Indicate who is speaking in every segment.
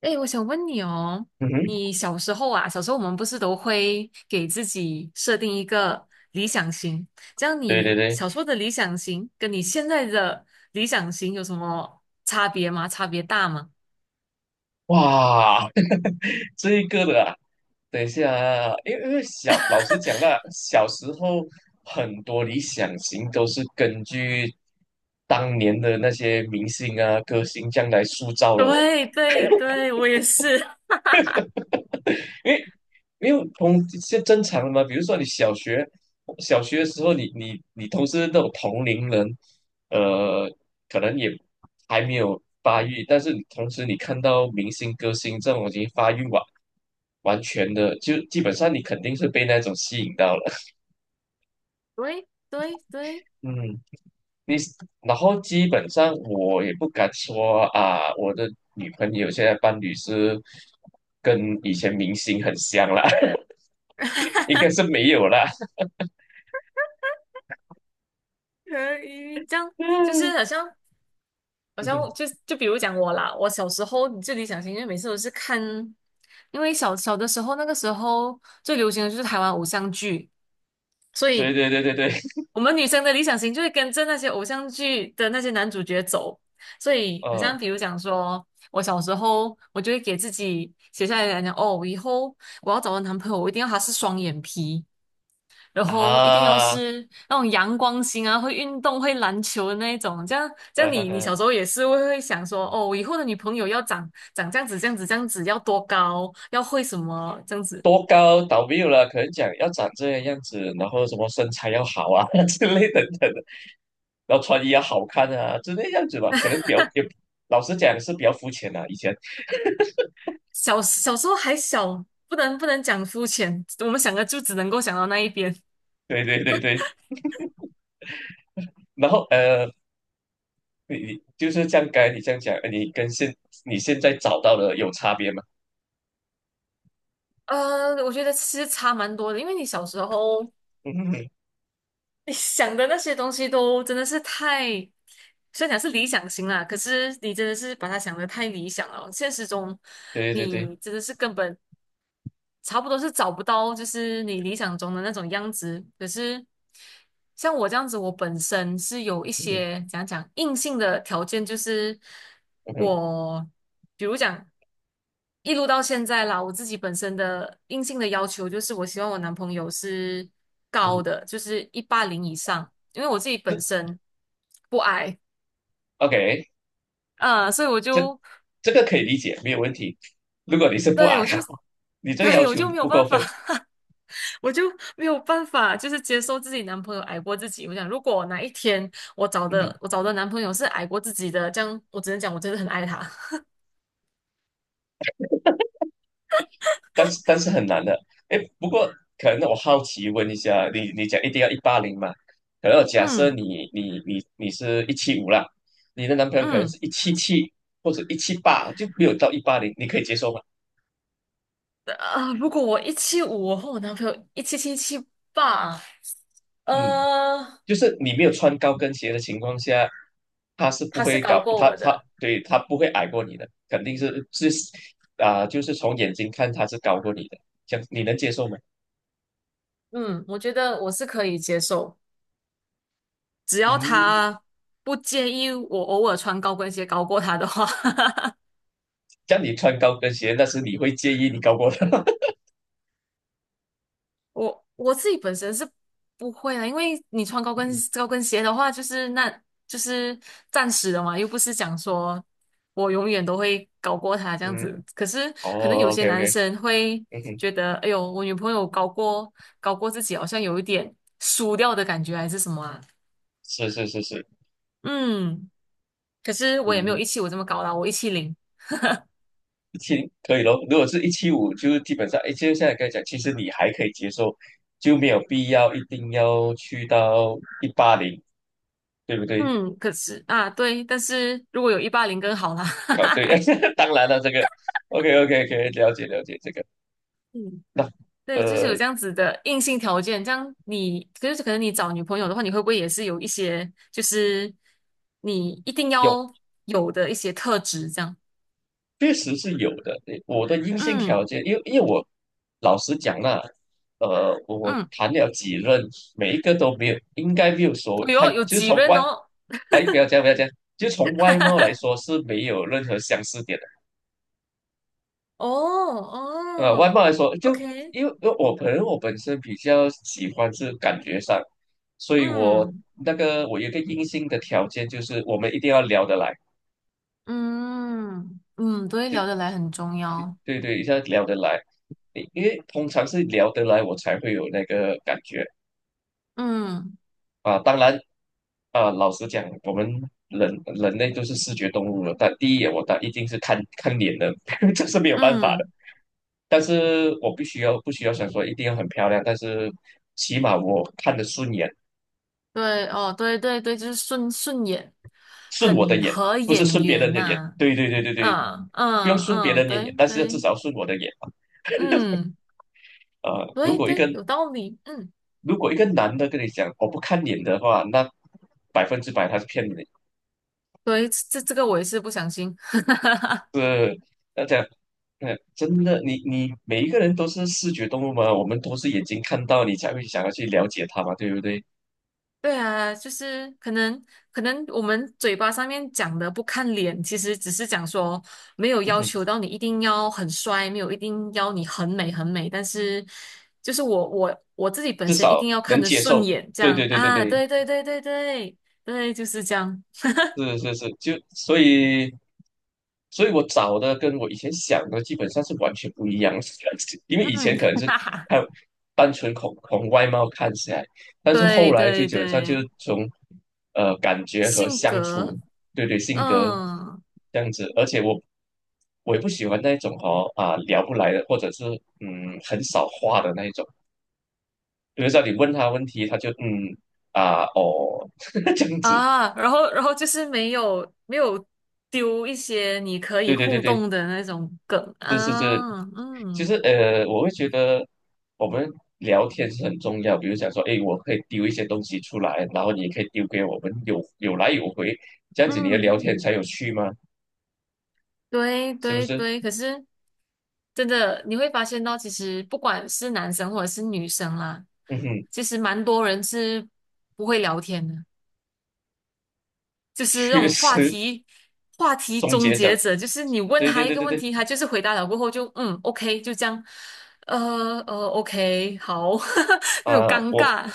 Speaker 1: 哎，我想问你哦，
Speaker 2: 嗯哼，
Speaker 1: 你小时候啊，小时候我们不是都会给自己设定一个理想型，这样
Speaker 2: 对对
Speaker 1: 你
Speaker 2: 对，
Speaker 1: 小时候的理想型跟你现在的理想型有什么差别吗？差别大吗？
Speaker 2: 哇，这一个的啊，等一下啊，因为小，老实讲啦，小时候很多理想型都是根据当年的那些明星啊、歌星这样来塑造了哦。
Speaker 1: 对对对，我也是。
Speaker 2: 因为因为同是正常的嘛，比如说你小学的时候你，你同时那种同龄人，呃，可能也还没有发育，但是你同时你看到明星歌星这种已经发育完全的，就基本上你肯定是被那种吸引到了。
Speaker 1: 对对对，
Speaker 2: 嗯，你然后基本上我也不敢说啊，我的女朋友现在伴侣是跟以前明星很像啦，应该是没有啦。
Speaker 1: 可以这样，就是好像 就比如讲我啦，我小时候最理想型，因为每次都是看，因为小小的时候那个时候最流行的就是台湾偶像剧，所
Speaker 2: 对
Speaker 1: 以
Speaker 2: 对对对对，
Speaker 1: 我们女生的理想型就是跟着那些偶像剧的那些男主角走，所以好
Speaker 2: 嗯
Speaker 1: 像比如讲说，我小时候我就会给自己写下来讲，哦，我以后我要找的男朋友，我一定要他是双眼皮，然后一定要
Speaker 2: 啊，
Speaker 1: 是那种阳光型啊，会运动、会篮球的那一种。这样，这样
Speaker 2: 呵
Speaker 1: 你
Speaker 2: 呵
Speaker 1: 小时候也是会想说，哦，我以后的女朋友要长长这样子、这样子、这样子，要多高，要会什么这样子。
Speaker 2: 多高倒没有了，可能讲要长这个样子，然后什么身材要好啊 之类等等的，然后穿衣要好看啊之类样子吧，可能比较也老实讲是比较肤浅的、以前
Speaker 1: 小小时候还小，不能讲肤浅，我们想的就只能够想到那一边。
Speaker 2: 对对对对，然后你就是这样，刚才你这样讲，你现在找到的有差别吗？
Speaker 1: 呃，我觉得其实差蛮多的，因为你小时候
Speaker 2: 嗯哼
Speaker 1: 你想的那些东西都真的是太，虽然讲是理想型啦，可是你真的是把它想的太理想了，现实中
Speaker 2: 对对对，
Speaker 1: 你真的是根本差不多是找不到，就是你理想中的那种样子。可是像我这样子，我本身是有一
Speaker 2: 嗯哼
Speaker 1: 些讲硬性的条件，就是
Speaker 2: 嗯哼
Speaker 1: 我比如讲一路到现在啦，我自己本身的硬性的要求就是，我希望我男朋友是高
Speaker 2: 嗯，
Speaker 1: 的，就是一八零以上，因为我自己
Speaker 2: 这
Speaker 1: 本身不矮，
Speaker 2: OK，
Speaker 1: 啊，所以我
Speaker 2: 这
Speaker 1: 就
Speaker 2: 这个可以理解，没有问题。如果你是不
Speaker 1: 对
Speaker 2: 矮，
Speaker 1: 我就
Speaker 2: 你 这个要
Speaker 1: 对我
Speaker 2: 求
Speaker 1: 就没有
Speaker 2: 不
Speaker 1: 办
Speaker 2: 过
Speaker 1: 法。
Speaker 2: 分。
Speaker 1: 我就没有办法，就是接受自己男朋友矮过自己。我想，如果哪一天我找
Speaker 2: 嗯，
Speaker 1: 的我找的男朋友是矮过自己的，这样我只能讲我真的很爱他。
Speaker 2: 但是很难的。哎，不过可能我好奇问一下，你讲一定要一八零嘛？可能假设
Speaker 1: 嗯
Speaker 2: 你是一七五啦，你的男朋友可能
Speaker 1: 嗯，
Speaker 2: 是177或者178，就没有到一八零，你可以接受吗？
Speaker 1: 啊，如果我一七五，我和我男朋友177、178，
Speaker 2: 嗯，
Speaker 1: 呃，
Speaker 2: 就是你没有穿高跟鞋的情况下，他是不
Speaker 1: 他是
Speaker 2: 会
Speaker 1: 高
Speaker 2: 搞
Speaker 1: 过
Speaker 2: 他
Speaker 1: 我
Speaker 2: 他
Speaker 1: 的。
Speaker 2: 对他不会矮过你的，肯定是啊、就是从眼睛看他是高过你的，这样你能接受吗？
Speaker 1: 嗯，我觉得我是可以接受，只要
Speaker 2: 嗯，
Speaker 1: 他不介意我偶尔穿高跟鞋高过他的话。
Speaker 2: 这样你穿高跟鞋，那是你会介意你高过他。
Speaker 1: 我我自己本身是不会啊，因为你穿高跟鞋的话，就是那就是暂时的嘛，又不是讲说我永远都会高过他这样
Speaker 2: 嗯，
Speaker 1: 子。可是可能有
Speaker 2: 哦
Speaker 1: 些
Speaker 2: ，OK
Speaker 1: 男
Speaker 2: OK，
Speaker 1: 生会
Speaker 2: 嗯哼，
Speaker 1: 觉得，哎呦，我女朋友高过自己，好像有一点输掉的感觉，还是什么啊？
Speaker 2: 是是是是，
Speaker 1: 嗯，可是我也没有
Speaker 2: 嗯，
Speaker 1: 一七五这么高啦，我170。
Speaker 2: 一七可以咯。如果是一七五，就是基本上，哎，就现在跟你刚才讲，其实你还可以接受，就没有必要一定要去到一八零，对不对？
Speaker 1: 嗯，可是啊，对，但是如果有一八零更好啦。
Speaker 2: 哦，对，当然了，这个 OK OK 可以了解了解这个。
Speaker 1: 嗯。
Speaker 2: 那
Speaker 1: 对，就是有
Speaker 2: 呃，
Speaker 1: 这样子的硬性条件，这样你就是可能你找女朋友的话，你会不会也是有一些就是你一定
Speaker 2: 有。
Speaker 1: 要有的一些特质？这样，
Speaker 2: 确实是有的。我的硬性条
Speaker 1: 嗯
Speaker 2: 件，因为我老实讲啦，我
Speaker 1: 嗯，
Speaker 2: 谈了几任，每一个都没有，应该没有说，
Speaker 1: 哎
Speaker 2: 他
Speaker 1: 呦，有
Speaker 2: 就
Speaker 1: 几
Speaker 2: 从
Speaker 1: 任
Speaker 2: 外，
Speaker 1: 哦，
Speaker 2: 哎，不要这样，不要这样，就从外貌来说是没有任何相似点的。
Speaker 1: 哦
Speaker 2: 外
Speaker 1: 哦
Speaker 2: 貌来说，就
Speaker 1: ，OK，
Speaker 2: 因为我可能我本身比较喜欢是感觉上，所以我
Speaker 1: 嗯
Speaker 2: 那个我有一个硬性的条件就是我们一定要聊得来。
Speaker 1: 嗯嗯，对，聊得来很重要，
Speaker 2: 对对，一下聊得来，因为通常是聊得来，我才会有那个感觉
Speaker 1: 嗯
Speaker 2: 啊。当然啊，老实讲，我们人类都是视觉动物了，但第一眼我当一定是看看脸的，这是没有办法的。
Speaker 1: 嗯，
Speaker 2: 但是我必须要不需要想说一定要很漂亮，但是起码我看得顺眼，
Speaker 1: 对哦，对对对，就是顺顺眼，
Speaker 2: 顺我的
Speaker 1: 很
Speaker 2: 眼，
Speaker 1: 合
Speaker 2: 不是
Speaker 1: 眼
Speaker 2: 顺别
Speaker 1: 缘
Speaker 2: 人的眼。
Speaker 1: 呐、
Speaker 2: 对对对对对，
Speaker 1: 嗯
Speaker 2: 不用
Speaker 1: 嗯
Speaker 2: 顺别
Speaker 1: 嗯，
Speaker 2: 人的眼，
Speaker 1: 对
Speaker 2: 但是至
Speaker 1: 对。
Speaker 2: 少顺我的眼。
Speaker 1: 嗯，
Speaker 2: 啊，
Speaker 1: 对对，有道理，嗯，
Speaker 2: 如果一个男的跟你讲我不看脸的话，那100%他是骗你的。
Speaker 1: 对，这这个我也是不相信。
Speaker 2: 是要讲，嗯，真的，你每一个人都是视觉动物嘛，我们都是眼睛看到，你才会想要去了解他嘛，对不对？
Speaker 1: 对啊，就是可能可能我们嘴巴上面讲的不看脸，其实只是讲说没有要求 到你一定要很帅，没有一定要你很美很美，但是就是我自己本
Speaker 2: 至
Speaker 1: 身一
Speaker 2: 少
Speaker 1: 定要看
Speaker 2: 能
Speaker 1: 着
Speaker 2: 接
Speaker 1: 顺
Speaker 2: 受。
Speaker 1: 眼，这
Speaker 2: 对
Speaker 1: 样
Speaker 2: 对对对
Speaker 1: 啊，
Speaker 2: 对，
Speaker 1: 对对对对对对，就是这样，
Speaker 2: 是是是，就所以，所以我找的跟我以前想的基本上是完全不一样的，因为以
Speaker 1: 嗯，
Speaker 2: 前 可能是
Speaker 1: 哈哈哈，
Speaker 2: 看单纯从外貌看起来，但是后
Speaker 1: 对
Speaker 2: 来就
Speaker 1: 对
Speaker 2: 基本上就是
Speaker 1: 对，
Speaker 2: 从感觉和
Speaker 1: 性
Speaker 2: 相处，
Speaker 1: 格，
Speaker 2: 对对，性格
Speaker 1: 嗯。
Speaker 2: 这样子，而且我也不喜欢那种哦啊聊不来的，或者是嗯很少话的那一种，比如说你问他问题，他就嗯啊哦 这样子，
Speaker 1: 啊，然后就是没有丢一些你可以
Speaker 2: 对对对
Speaker 1: 互
Speaker 2: 对。
Speaker 1: 动的那种梗
Speaker 2: 是是是，
Speaker 1: 啊，
Speaker 2: 其
Speaker 1: 嗯
Speaker 2: 实我会觉得我们聊天是很重要。比如想说，哎，我可以丢一些东西出来，然后你也可以丢给我们，有来有回，这样子你的
Speaker 1: 嗯
Speaker 2: 聊天才
Speaker 1: 嗯，
Speaker 2: 有趣嘛，
Speaker 1: 对
Speaker 2: 是不
Speaker 1: 对
Speaker 2: 是？
Speaker 1: 对，可是真的你会发现到，其实不管是男生或者是女生啦，
Speaker 2: 嗯哼，
Speaker 1: 其实蛮多人是不会聊天的，就是那
Speaker 2: 缺
Speaker 1: 种话
Speaker 2: 失
Speaker 1: 题话 题
Speaker 2: 终
Speaker 1: 终
Speaker 2: 结
Speaker 1: 结
Speaker 2: 者，
Speaker 1: 者，就是你问
Speaker 2: 对
Speaker 1: 他
Speaker 2: 对
Speaker 1: 一
Speaker 2: 对
Speaker 1: 个
Speaker 2: 对
Speaker 1: 问
Speaker 2: 对，
Speaker 1: 题，他就是回答了过后就嗯 OK 就这样，呃OK 好，那种
Speaker 2: 啊、
Speaker 1: 尴
Speaker 2: 我
Speaker 1: 尬，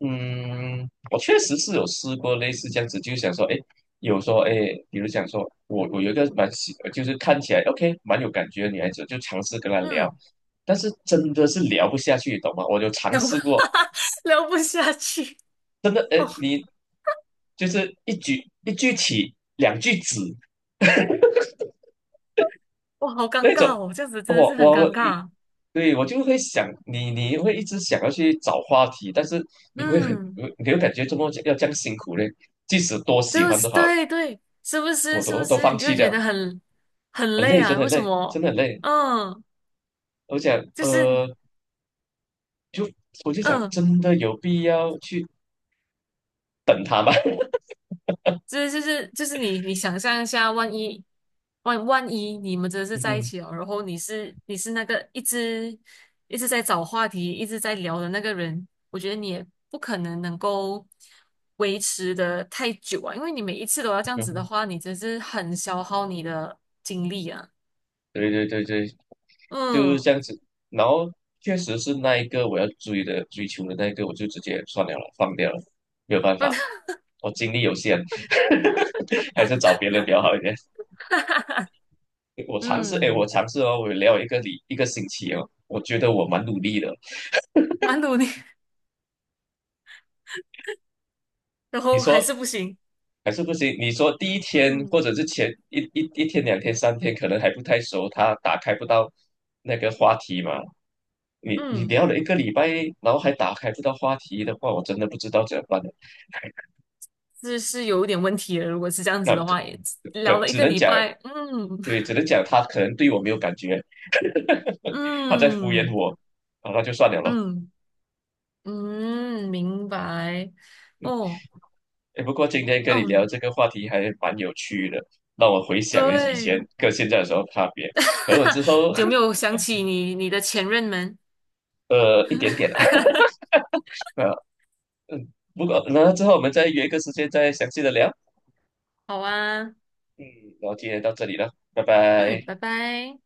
Speaker 2: 嗯，我确实是有试过类似这样子，就是想说，哎，有说，哎，比如讲说，我有一个就是看起来 OK 蛮有感觉的女孩子，就尝试跟她 聊，
Speaker 1: 嗯。
Speaker 2: 但是真的是聊不下去，懂吗？我就尝
Speaker 1: 聊不
Speaker 2: 试过，
Speaker 1: 聊不下去
Speaker 2: 真的，哎，
Speaker 1: 哦，
Speaker 2: 你就是一句一句起，两句止
Speaker 1: 我好尴
Speaker 2: 那种，
Speaker 1: 尬哦，这样子真的
Speaker 2: 我
Speaker 1: 是很
Speaker 2: 我
Speaker 1: 尴
Speaker 2: 一，
Speaker 1: 尬。
Speaker 2: 对我就会想你，你会一直想要去找话题，但是你会很，
Speaker 1: 嗯，
Speaker 2: 你会感觉怎么要这样辛苦嘞，即使多
Speaker 1: 对
Speaker 2: 喜
Speaker 1: 不
Speaker 2: 欢都
Speaker 1: 是
Speaker 2: 好，
Speaker 1: 对对，是不
Speaker 2: 我
Speaker 1: 是？是不
Speaker 2: 都
Speaker 1: 是？
Speaker 2: 放
Speaker 1: 你就
Speaker 2: 弃
Speaker 1: 会
Speaker 2: 掉
Speaker 1: 觉
Speaker 2: 了。
Speaker 1: 得很很
Speaker 2: 很
Speaker 1: 累
Speaker 2: 累，真
Speaker 1: 啊？
Speaker 2: 的
Speaker 1: 为什
Speaker 2: 累，真
Speaker 1: 么？
Speaker 2: 的很累。
Speaker 1: 嗯，
Speaker 2: 我想，
Speaker 1: 就是
Speaker 2: 就我就想，
Speaker 1: 嗯，
Speaker 2: 真的有必要去等他吗？
Speaker 1: 这就是你想象一下，万一你们真的 是在一
Speaker 2: 嗯，
Speaker 1: 起了，然后你是那个一直在找话题、一直在聊的那个人，我觉得你也不可能能够维持的太久啊，因为你每一次都要这样子的话，你真是很消耗你的精力啊。
Speaker 2: 对对对对，就是
Speaker 1: 嗯，
Speaker 2: 这样子。然后确实是那一个我要追求的那一个，我就直接算了，放掉了，没有办法，我精力有限，还是找别人比较好一点。我尝试，哎，我
Speaker 1: 嗯，
Speaker 2: 尝试哦，我聊一个星期哦，我觉得我蛮努力的。
Speaker 1: 蛮努力，然
Speaker 2: 你
Speaker 1: 后
Speaker 2: 说
Speaker 1: 还是不行。
Speaker 2: 还是不行。你说第一天或
Speaker 1: 嗯
Speaker 2: 者是前一天、两天、三天，可能还不太熟，他打开不到那个话题嘛。你
Speaker 1: 嗯，
Speaker 2: 聊了一个礼拜，然后还打开不到话题的话，我真的不知道怎么办了。
Speaker 1: 这是有一点问题了。如果是这样子
Speaker 2: 那
Speaker 1: 的
Speaker 2: 可
Speaker 1: 话，也聊
Speaker 2: 可
Speaker 1: 了一
Speaker 2: 只
Speaker 1: 个
Speaker 2: 能
Speaker 1: 礼
Speaker 2: 讲，
Speaker 1: 拜，嗯。
Speaker 2: 对，只能讲他可能对我没有感觉，他在敷衍
Speaker 1: 嗯
Speaker 2: 我，啊，那就算了咯。
Speaker 1: 嗯嗯，明白。哦，
Speaker 2: 哎，不过今天跟你聊
Speaker 1: 嗯，
Speaker 2: 这个话题还蛮有趣的，让我回想以前
Speaker 1: 对，
Speaker 2: 跟现在有什么差别。可能我 之后
Speaker 1: 有没有 想起你你的前任们？
Speaker 2: 一点点啦，嗯，不过然后之后我们再约一个时间再详细的聊。
Speaker 1: 好啊，
Speaker 2: 嗯，然后今天到这里了，拜
Speaker 1: 嗯，
Speaker 2: 拜。
Speaker 1: 拜拜。